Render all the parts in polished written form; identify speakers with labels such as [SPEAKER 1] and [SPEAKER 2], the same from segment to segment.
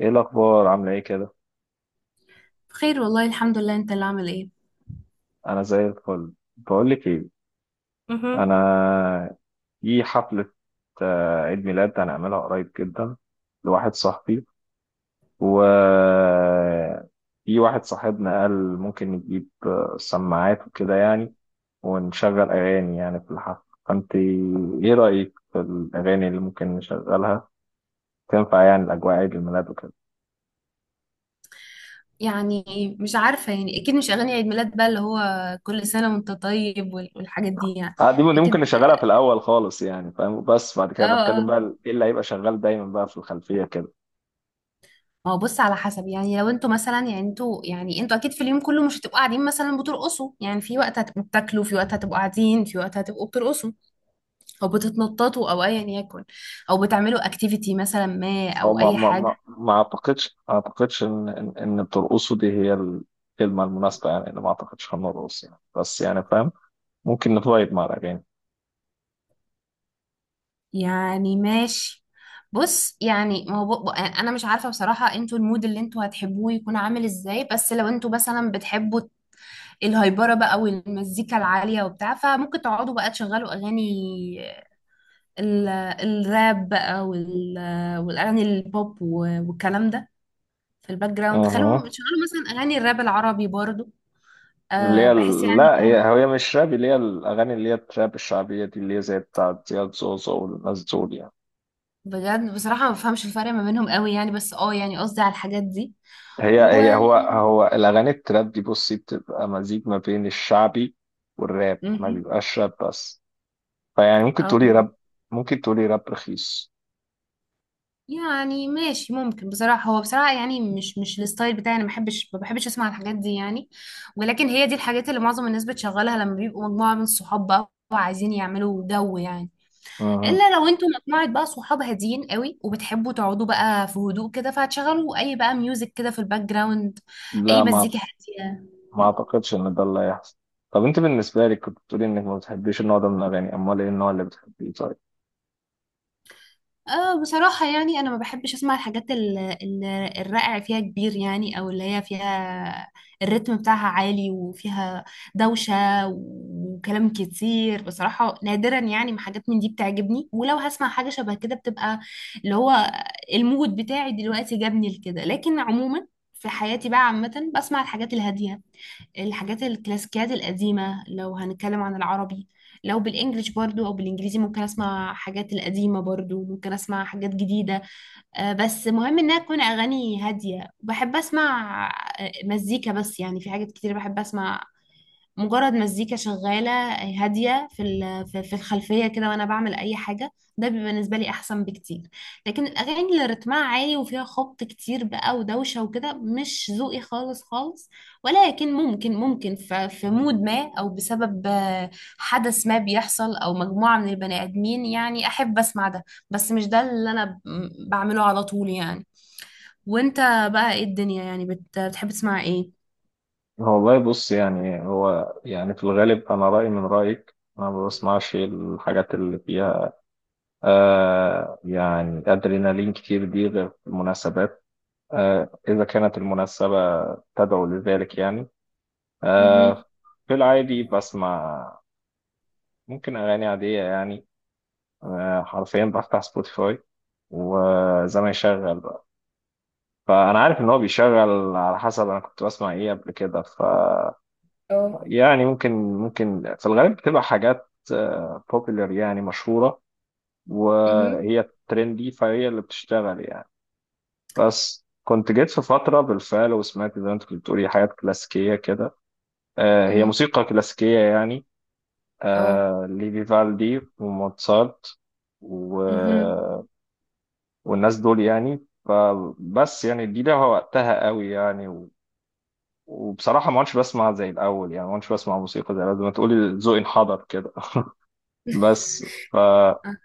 [SPEAKER 1] ايه الاخبار عامله ايه كده؟
[SPEAKER 2] بخير، والله الحمد لله. انت اللي عامل ايه؟
[SPEAKER 1] انا زي الفل. بقول لك ايه، انا في حفله، عيد ميلاد هنعملها قريب جدا لواحد صاحبي. و في واحد صاحبنا قال ممكن نجيب سماعات وكده يعني، ونشغل اغاني يعني في الحفله. فانت ايه رايك في الاغاني اللي ممكن نشغلها؟ تنفع يعني الاجواء عيد الميلاد وكده.
[SPEAKER 2] يعني مش عارفة، يعني اكيد مش اغاني عيد ميلاد بقى اللي هو كل سنة وانت طيب والحاجات دي يعني.
[SPEAKER 1] دي
[SPEAKER 2] اكيد.
[SPEAKER 1] ممكن نشغلها في الاول خالص يعني فاهم، بس بعد
[SPEAKER 2] اه،
[SPEAKER 1] كده بتكلم
[SPEAKER 2] اه.
[SPEAKER 1] بقى ايه اللي هيبقى شغال دايما بقى في الخلفيه كده.
[SPEAKER 2] ما هو بص، على حسب. يعني لو انتوا مثلا يعني انتوا يعني انتوا اكيد في اليوم كله مش هتبقوا قاعدين مثلا بترقصوا. يعني في وقت هتبقوا بتاكلوا، في وقت هتبقوا قاعدين، في وقت هتبقوا بترقصوا او بتتنططوا او ايا يكن، او بتعملوا اكتيفيتي مثلا، ما
[SPEAKER 1] هو
[SPEAKER 2] او
[SPEAKER 1] ما
[SPEAKER 2] اي
[SPEAKER 1] ما
[SPEAKER 2] حاجة.
[SPEAKER 1] ما ما اعتقدش ما اعتقدش ان ان إن بترقصوا دي هي الكلمه المناسبه يعني، اللي ما اعتقدش هنرقص يعني، بس يعني فاهم. ممكن نفايب مع الاغاني.
[SPEAKER 2] يعني ماشي. بص، يعني ما هو انا مش عارفه بصراحه انتوا المود اللي انتوا هتحبوه يكون عامل ازاي، بس لو انتوا مثلا بتحبوا الهايبره بقى والمزيكا العاليه وبتاع، فممكن تقعدوا بقى تشغلوا اغاني الراب بقى والاغاني البوب والكلام ده في الباك جراوند.
[SPEAKER 1] اها،
[SPEAKER 2] خلوا تشغلوا مثلا اغاني الراب العربي برضو.
[SPEAKER 1] اللي
[SPEAKER 2] أه،
[SPEAKER 1] هي
[SPEAKER 2] بحس يعني
[SPEAKER 1] لا، هي
[SPEAKER 2] هو.
[SPEAKER 1] هي مش راب، اللي هي الاغاني اللي هي التراب الشعبيه دي، اللي هي زي بتاعت زياد زوزو والناس دول يعني.
[SPEAKER 2] بجد بصراحه ما بفهمش الفرق ما بينهم قوي يعني، بس اه يعني قصدي على الحاجات دي.
[SPEAKER 1] هي
[SPEAKER 2] و
[SPEAKER 1] هي هو هو الاغاني التراب دي بصي بتبقى مزيج ما بين الشعبي والراب، ما
[SPEAKER 2] مهم.
[SPEAKER 1] بيبقاش راب بس. فيعني ممكن
[SPEAKER 2] اه،
[SPEAKER 1] تقولي راب، ممكن تقولي راب رخيص.
[SPEAKER 2] يعني ماشي ممكن بصراحة. هو بصراحة يعني مش الستايل بتاعي أنا، ما بحبش أسمع الحاجات دي يعني. ولكن هي دي الحاجات اللي معظم الناس بتشغلها لما بيبقوا مجموعة من الصحاب بقى وعايزين يعملوا جو يعني.
[SPEAKER 1] اها.
[SPEAKER 2] إلا لو أنتوا مجموعة بقى صحاب هاديين قوي وبتحبوا تقعدوا بقى في هدوء كده، فهتشغلوا أي بقى ميوزك كده في الباك جراوند، أي
[SPEAKER 1] لا،
[SPEAKER 2] مزيكا هادية.
[SPEAKER 1] ما اعتقدش ان ده اللي هيحصل. طب انت بالنسبه لك كنت بتقولي انك ما بتحبيش النوع ده من الاغاني، امال ايه النوع اللي بتحبيه طيب؟
[SPEAKER 2] اه، بصراحة يعني أنا ما بحبش أسمع الحاجات الرائع فيها كبير يعني، أو اللي هي فيها الريتم بتاعها عالي وفيها دوشة وكلام كتير. بصراحة نادرا يعني ما حاجات من دي بتعجبني، ولو هسمع حاجة شبه كده بتبقى اللي هو المود بتاعي دلوقتي جابني لكده. لكن عموما في حياتي بقى عامة بسمع الحاجات الهادية، الحاجات الكلاسيكيات القديمة لو هنتكلم عن العربي. لو بالانجلش برضو او بالانجليزي ممكن اسمع حاجات القديمه برضو، ممكن اسمع حاجات جديده. بس مهم انها تكون اغاني هاديه بحب اسمع. مزيكا بس يعني، في حاجات كتير بحب اسمع. مجرد مزيكا شغالة هادية في ال- في في الخلفية كده وأنا بعمل أي حاجة، ده بيبقى بالنسبة لي أحسن بكتير. لكن الأغاني اللي رتمها عالي وفيها خبط كتير بقى ودوشة وكده مش ذوقي خالص خالص. ولكن ممكن في مود ما أو بسبب حدث ما بيحصل أو مجموعة من البني آدمين يعني أحب أسمع ده، بس مش ده اللي أنا بعمله على طول يعني. وأنت بقى إيه الدنيا، يعني بتحب تسمع إيه؟
[SPEAKER 1] هو والله بص يعني هو يعني في الغالب انا رايي من رايك، انا ما بسمعش الحاجات اللي فيها آه يعني ادرينالين كتير، دي غير في المناسبات آه اذا كانت المناسبه تدعو لذلك يعني. آه
[SPEAKER 2] مهم.
[SPEAKER 1] في العادي بسمع ممكن اغاني عاديه يعني، آه حرفيا بفتح سبوتيفاي وزي ما يشغل. فانا عارف ان هو بيشغل على حسب انا كنت بسمع ايه قبل كده، ف
[SPEAKER 2] اه،
[SPEAKER 1] يعني ممكن في الغالب بتبقى حاجات بوبيلر يعني مشهوره،
[SPEAKER 2] مهم.
[SPEAKER 1] وهي ترندي فهي اللي بتشتغل يعني. بس كنت جيت في فتره بالفعل وسمعت زي ما انت كنت بتقولي حاجات كلاسيكيه كده، هي موسيقى كلاسيكيه يعني،
[SPEAKER 2] اه،
[SPEAKER 1] لفيفالدي وموتسارت و...
[SPEAKER 2] مهم.
[SPEAKER 1] والناس دول يعني، فبس يعني دي لها وقتها قوي يعني. وبصراحة ما عدتش بسمع زي الأول يعني، ما عدتش بسمع موسيقى زي الأول، زي ما تقولي ذوقي انحدر كده. بس ف
[SPEAKER 2] آه.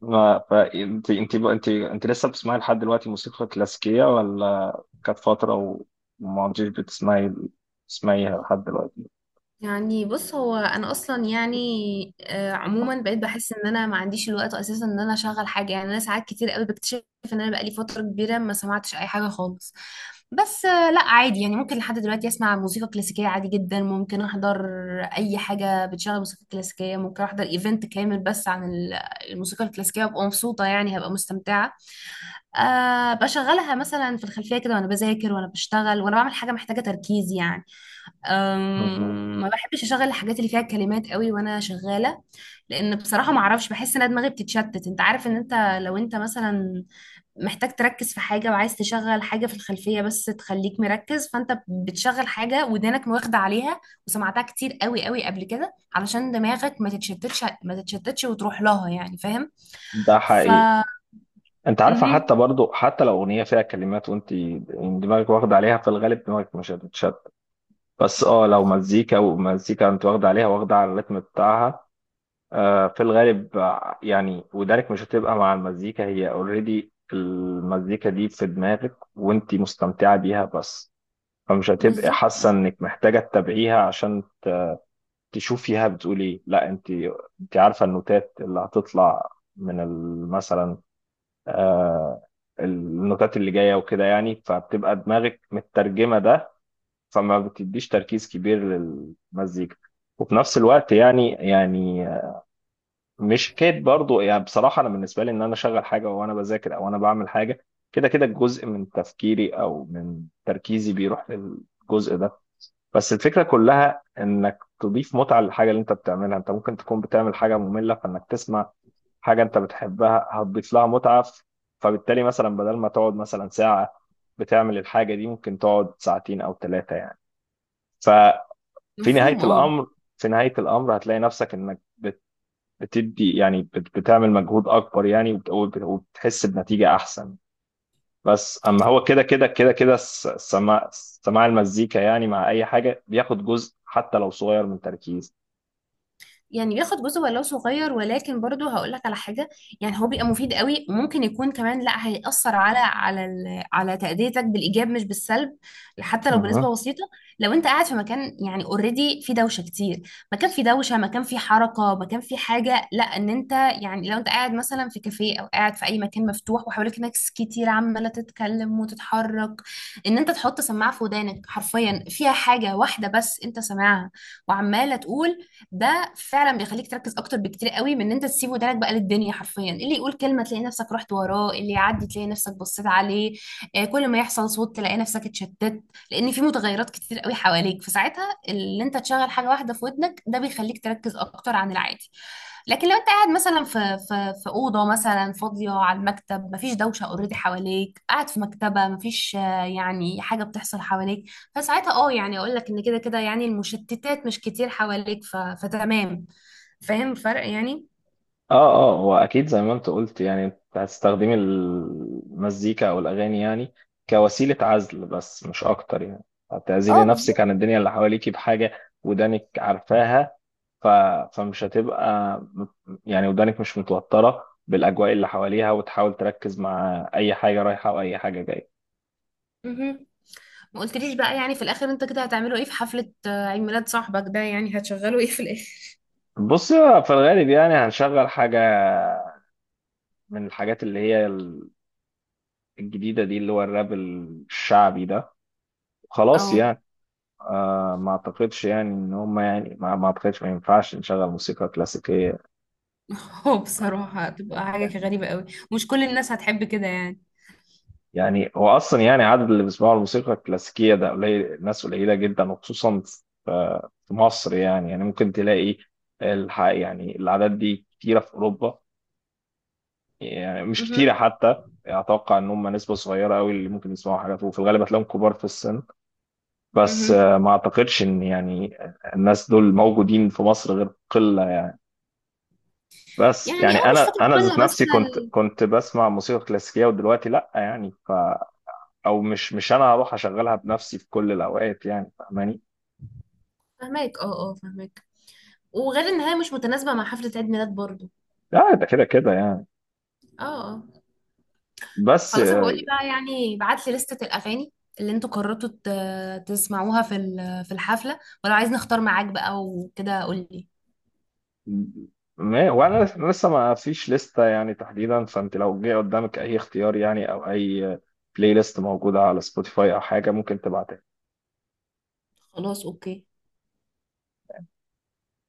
[SPEAKER 1] ما ف انت لسه بتسمعي لحد دلوقتي موسيقى كلاسيكية، ولا كانت فترة وما عدتيش بتسمعي تسمعيها لحد دلوقتي؟
[SPEAKER 2] يعني بص هو انا اصلا يعني، عموما بقيت بحس ان انا ما عنديش الوقت اساسا ان انا اشغل حاجه يعني. انا ساعات كتير قوي بكتشف ان انا بقالي فتره كبيره ما سمعتش اي حاجه خالص. بس، لا عادي يعني ممكن لحد دلوقتي اسمع موسيقى كلاسيكيه عادي جدا. ممكن احضر اي حاجه بتشغل موسيقى كلاسيكيه، ممكن احضر ايفنت كامل بس عن الموسيقى الكلاسيكيه وابقى مبسوطه يعني، هبقى مستمتعه. أه، بشغلها مثلا في الخلفيه كده وانا بذاكر وانا بشتغل وانا بعمل حاجه محتاجه تركيز يعني.
[SPEAKER 1] مهم.
[SPEAKER 2] ما بحبش اشغل الحاجات اللي فيها كلمات قوي وانا شغاله، لان بصراحه ما اعرفش، بحس ان أنا دماغي بتتشتت. انت عارف ان انت لو انت مثلا محتاج تركز في حاجه وعايز تشغل حاجه في الخلفيه بس تخليك مركز، فانت بتشغل حاجه ودانك واخده عليها وسمعتها كتير قوي قوي قبل كده، علشان دماغك ما تتشتتش وتروح لها يعني، فاهم؟
[SPEAKER 1] ده
[SPEAKER 2] ف
[SPEAKER 1] حقيقي. انت عارفة
[SPEAKER 2] مهم.
[SPEAKER 1] حتى برضو حتى لو أغنية فيها كلمات وانت دماغك واخدة عليها في الغالب دماغك مش هتتشتت. بس اه لو مزيكا ومزيكا انت واخدة عليها واخدة على الريتم بتاعها، في الغالب يعني ودانك مش هتبقى مع المزيكا، هي اوريدي المزيكا دي في دماغك وانتي مستمتعة بيها بس. فمش هتبقى
[SPEAKER 2] بالظبط.
[SPEAKER 1] حاسة انك محتاجة تتابعيها عشان تشوفيها بتقول ايه، لا انتي، انتي عارفة النوتات اللي هتطلع من مثلا آه، النوتات اللي جاية وكده يعني، فبتبقى دماغك مترجمة ده، فما بتديش تركيز كبير للمزيكا. وفي نفس الوقت يعني مش حكايه برضو يعني، بصراحه انا بالنسبه لي ان انا اشغل حاجه وانا بذاكر او انا بعمل حاجه، كده كده جزء من تفكيري او من تركيزي بيروح للجزء ده. بس الفكره كلها انك تضيف متعه للحاجه اللي انت بتعملها، انت ممكن تكون بتعمل حاجه ممله فانك تسمع حاجه انت بتحبها هتضيف لها متعه، فبالتالي مثلا بدل ما تقعد مثلا ساعه بتعمل الحاجه دي ممكن تقعد ساعتين او ثلاثه يعني. ففي نهايه
[SPEAKER 2] مفهوم اه.
[SPEAKER 1] الامر، في نهايه الامر هتلاقي نفسك انك بتدي يعني بتعمل مجهود اكبر يعني، وبتحس بنتيجة احسن. بس اما هو كده السماع، سماع المزيكا يعني مع اي حاجة بياخد جزء حتى لو صغير من تركيز.
[SPEAKER 2] يعني بياخد جزء ولو صغير، ولكن برضو هقول لك على حاجة. يعني هو بيبقى مفيد قوي، ممكن يكون كمان لا، هيأثر على تأديتك بالإيجاب مش بالسلب، حتى لو بنسبة
[SPEAKER 1] اها.
[SPEAKER 2] بسيطة. لو أنت قاعد في مكان يعني اوريدي في دوشة كتير، مكان في دوشة، مكان في حركة، مكان في حاجة، لا إن أنت يعني لو أنت قاعد مثلا في كافيه أو قاعد في أي مكان مفتوح وحواليك ناس كتير عمالة تتكلم وتتحرك، إن أنت تحط سماعة في ودانك حرفيا فيها حاجة واحدة بس أنت سامعها وعمالة تقول، ده فعلا بيخليك تركز اكتر بكتير قوي من ان انت تسيب ودانك بقى للدنيا حرفيا، اللي يقول كلمه تلاقي نفسك رحت وراه، اللي يعدي تلاقي نفسك بصيت عليه. كل ما يحصل صوت تلاقي نفسك اتشتت، لان في متغيرات كتير قوي حواليك، فساعتها اللي انت تشغل حاجه واحده في ودنك ده بيخليك تركز اكتر عن العادي. لكن لو انت قاعد مثلا في اوضه مثلا فاضيه على المكتب، مفيش دوشه اوريدي حواليك، قاعد في مكتبه، مفيش يعني حاجه بتحصل حواليك، فساعتها اه يعني اقول لك ان كده كده يعني المشتتات مش كتير حواليك، فتمام. فاهم الفرق يعني؟
[SPEAKER 1] اه هو اكيد زي ما انت قلت يعني انت هتستخدمي المزيكا او الاغاني يعني كوسيله عزل بس مش اكتر يعني، هتعزلي
[SPEAKER 2] اه،
[SPEAKER 1] نفسك عن
[SPEAKER 2] بالظبط.
[SPEAKER 1] الدنيا اللي حواليكي بحاجه ودانك عارفاها، ف... فمش هتبقى يعني ودانك مش متوترة بالأجواء اللي حواليها وتحاول تركز مع أي حاجة رايحة وأي حاجة جاية.
[SPEAKER 2] مهم. ما قلتليش بقى، يعني في الاخر انت كده هتعملوا ايه في حفلة عيد ميلاد صاحبك ده، يعني هتشغلوا ايه في الاخر؟
[SPEAKER 1] بص في الغالب يعني هنشغل حاجة من الحاجات اللي هي الجديدة دي اللي هو الراب الشعبي ده، خلاص
[SPEAKER 2] اه.
[SPEAKER 1] يعني. آه ما أعتقدش يعني إن هم يعني ما أعتقدش ما ينفعش نشغل موسيقى كلاسيكية.
[SPEAKER 2] هو بصراحة هتبقى حاجة غريبة قوي. مش كل الناس هتحب كده يعني.
[SPEAKER 1] يعني هو اصلا يعني عدد اللي بيسمعوا الموسيقى الكلاسيكيه ده قليل، ناس قليله جدا، وخصوصا في في مصر يعني، يعني ممكن تلاقي يعني الاعداد دي كتيره في اوروبا، يعني مش كتيره
[SPEAKER 2] مهم.
[SPEAKER 1] حتى. اتوقع ان هم نسبه صغيره قوي اللي ممكن يسمعوا حاجات، وفي الغالب هتلاقيهم كبار في السن. بس
[SPEAKER 2] مهم.
[SPEAKER 1] ما اعتقدش ان يعني الناس دول موجودين في مصر غير قله يعني. بس
[SPEAKER 2] يعني اه،
[SPEAKER 1] يعني
[SPEAKER 2] مش
[SPEAKER 1] انا
[SPEAKER 2] فاكرة
[SPEAKER 1] انا ذات
[SPEAKER 2] كلها، بس
[SPEAKER 1] نفسي كنت كنت بسمع موسيقى كلاسيكيه ودلوقتي لا يعني، ف او مش انا هروح اشغلها بنفسي في كل الاوقات يعني فاهماني.
[SPEAKER 2] فهماك اه اه فهماك. وغير ان هي مش متناسبة مع حفلة عيد ميلاد برضو.
[SPEAKER 1] لا ده كده كده يعني.
[SPEAKER 2] اه. اه.
[SPEAKER 1] بس
[SPEAKER 2] خلاص، بقول لي بقى يعني، بعت لي لستة الأغاني اللي انتوا قررتوا تسمعوها في الحفلة. ولو عايز نختار معاك بقى وكده قول لي.
[SPEAKER 1] ما وانا لسه ما فيش لستة يعني تحديدا، فانت لو جه قدامك اي اختيار يعني او اي بلاي ليست موجودة على سبوتيفاي او حاجة ممكن تبعتها.
[SPEAKER 2] خلاص، اوكي.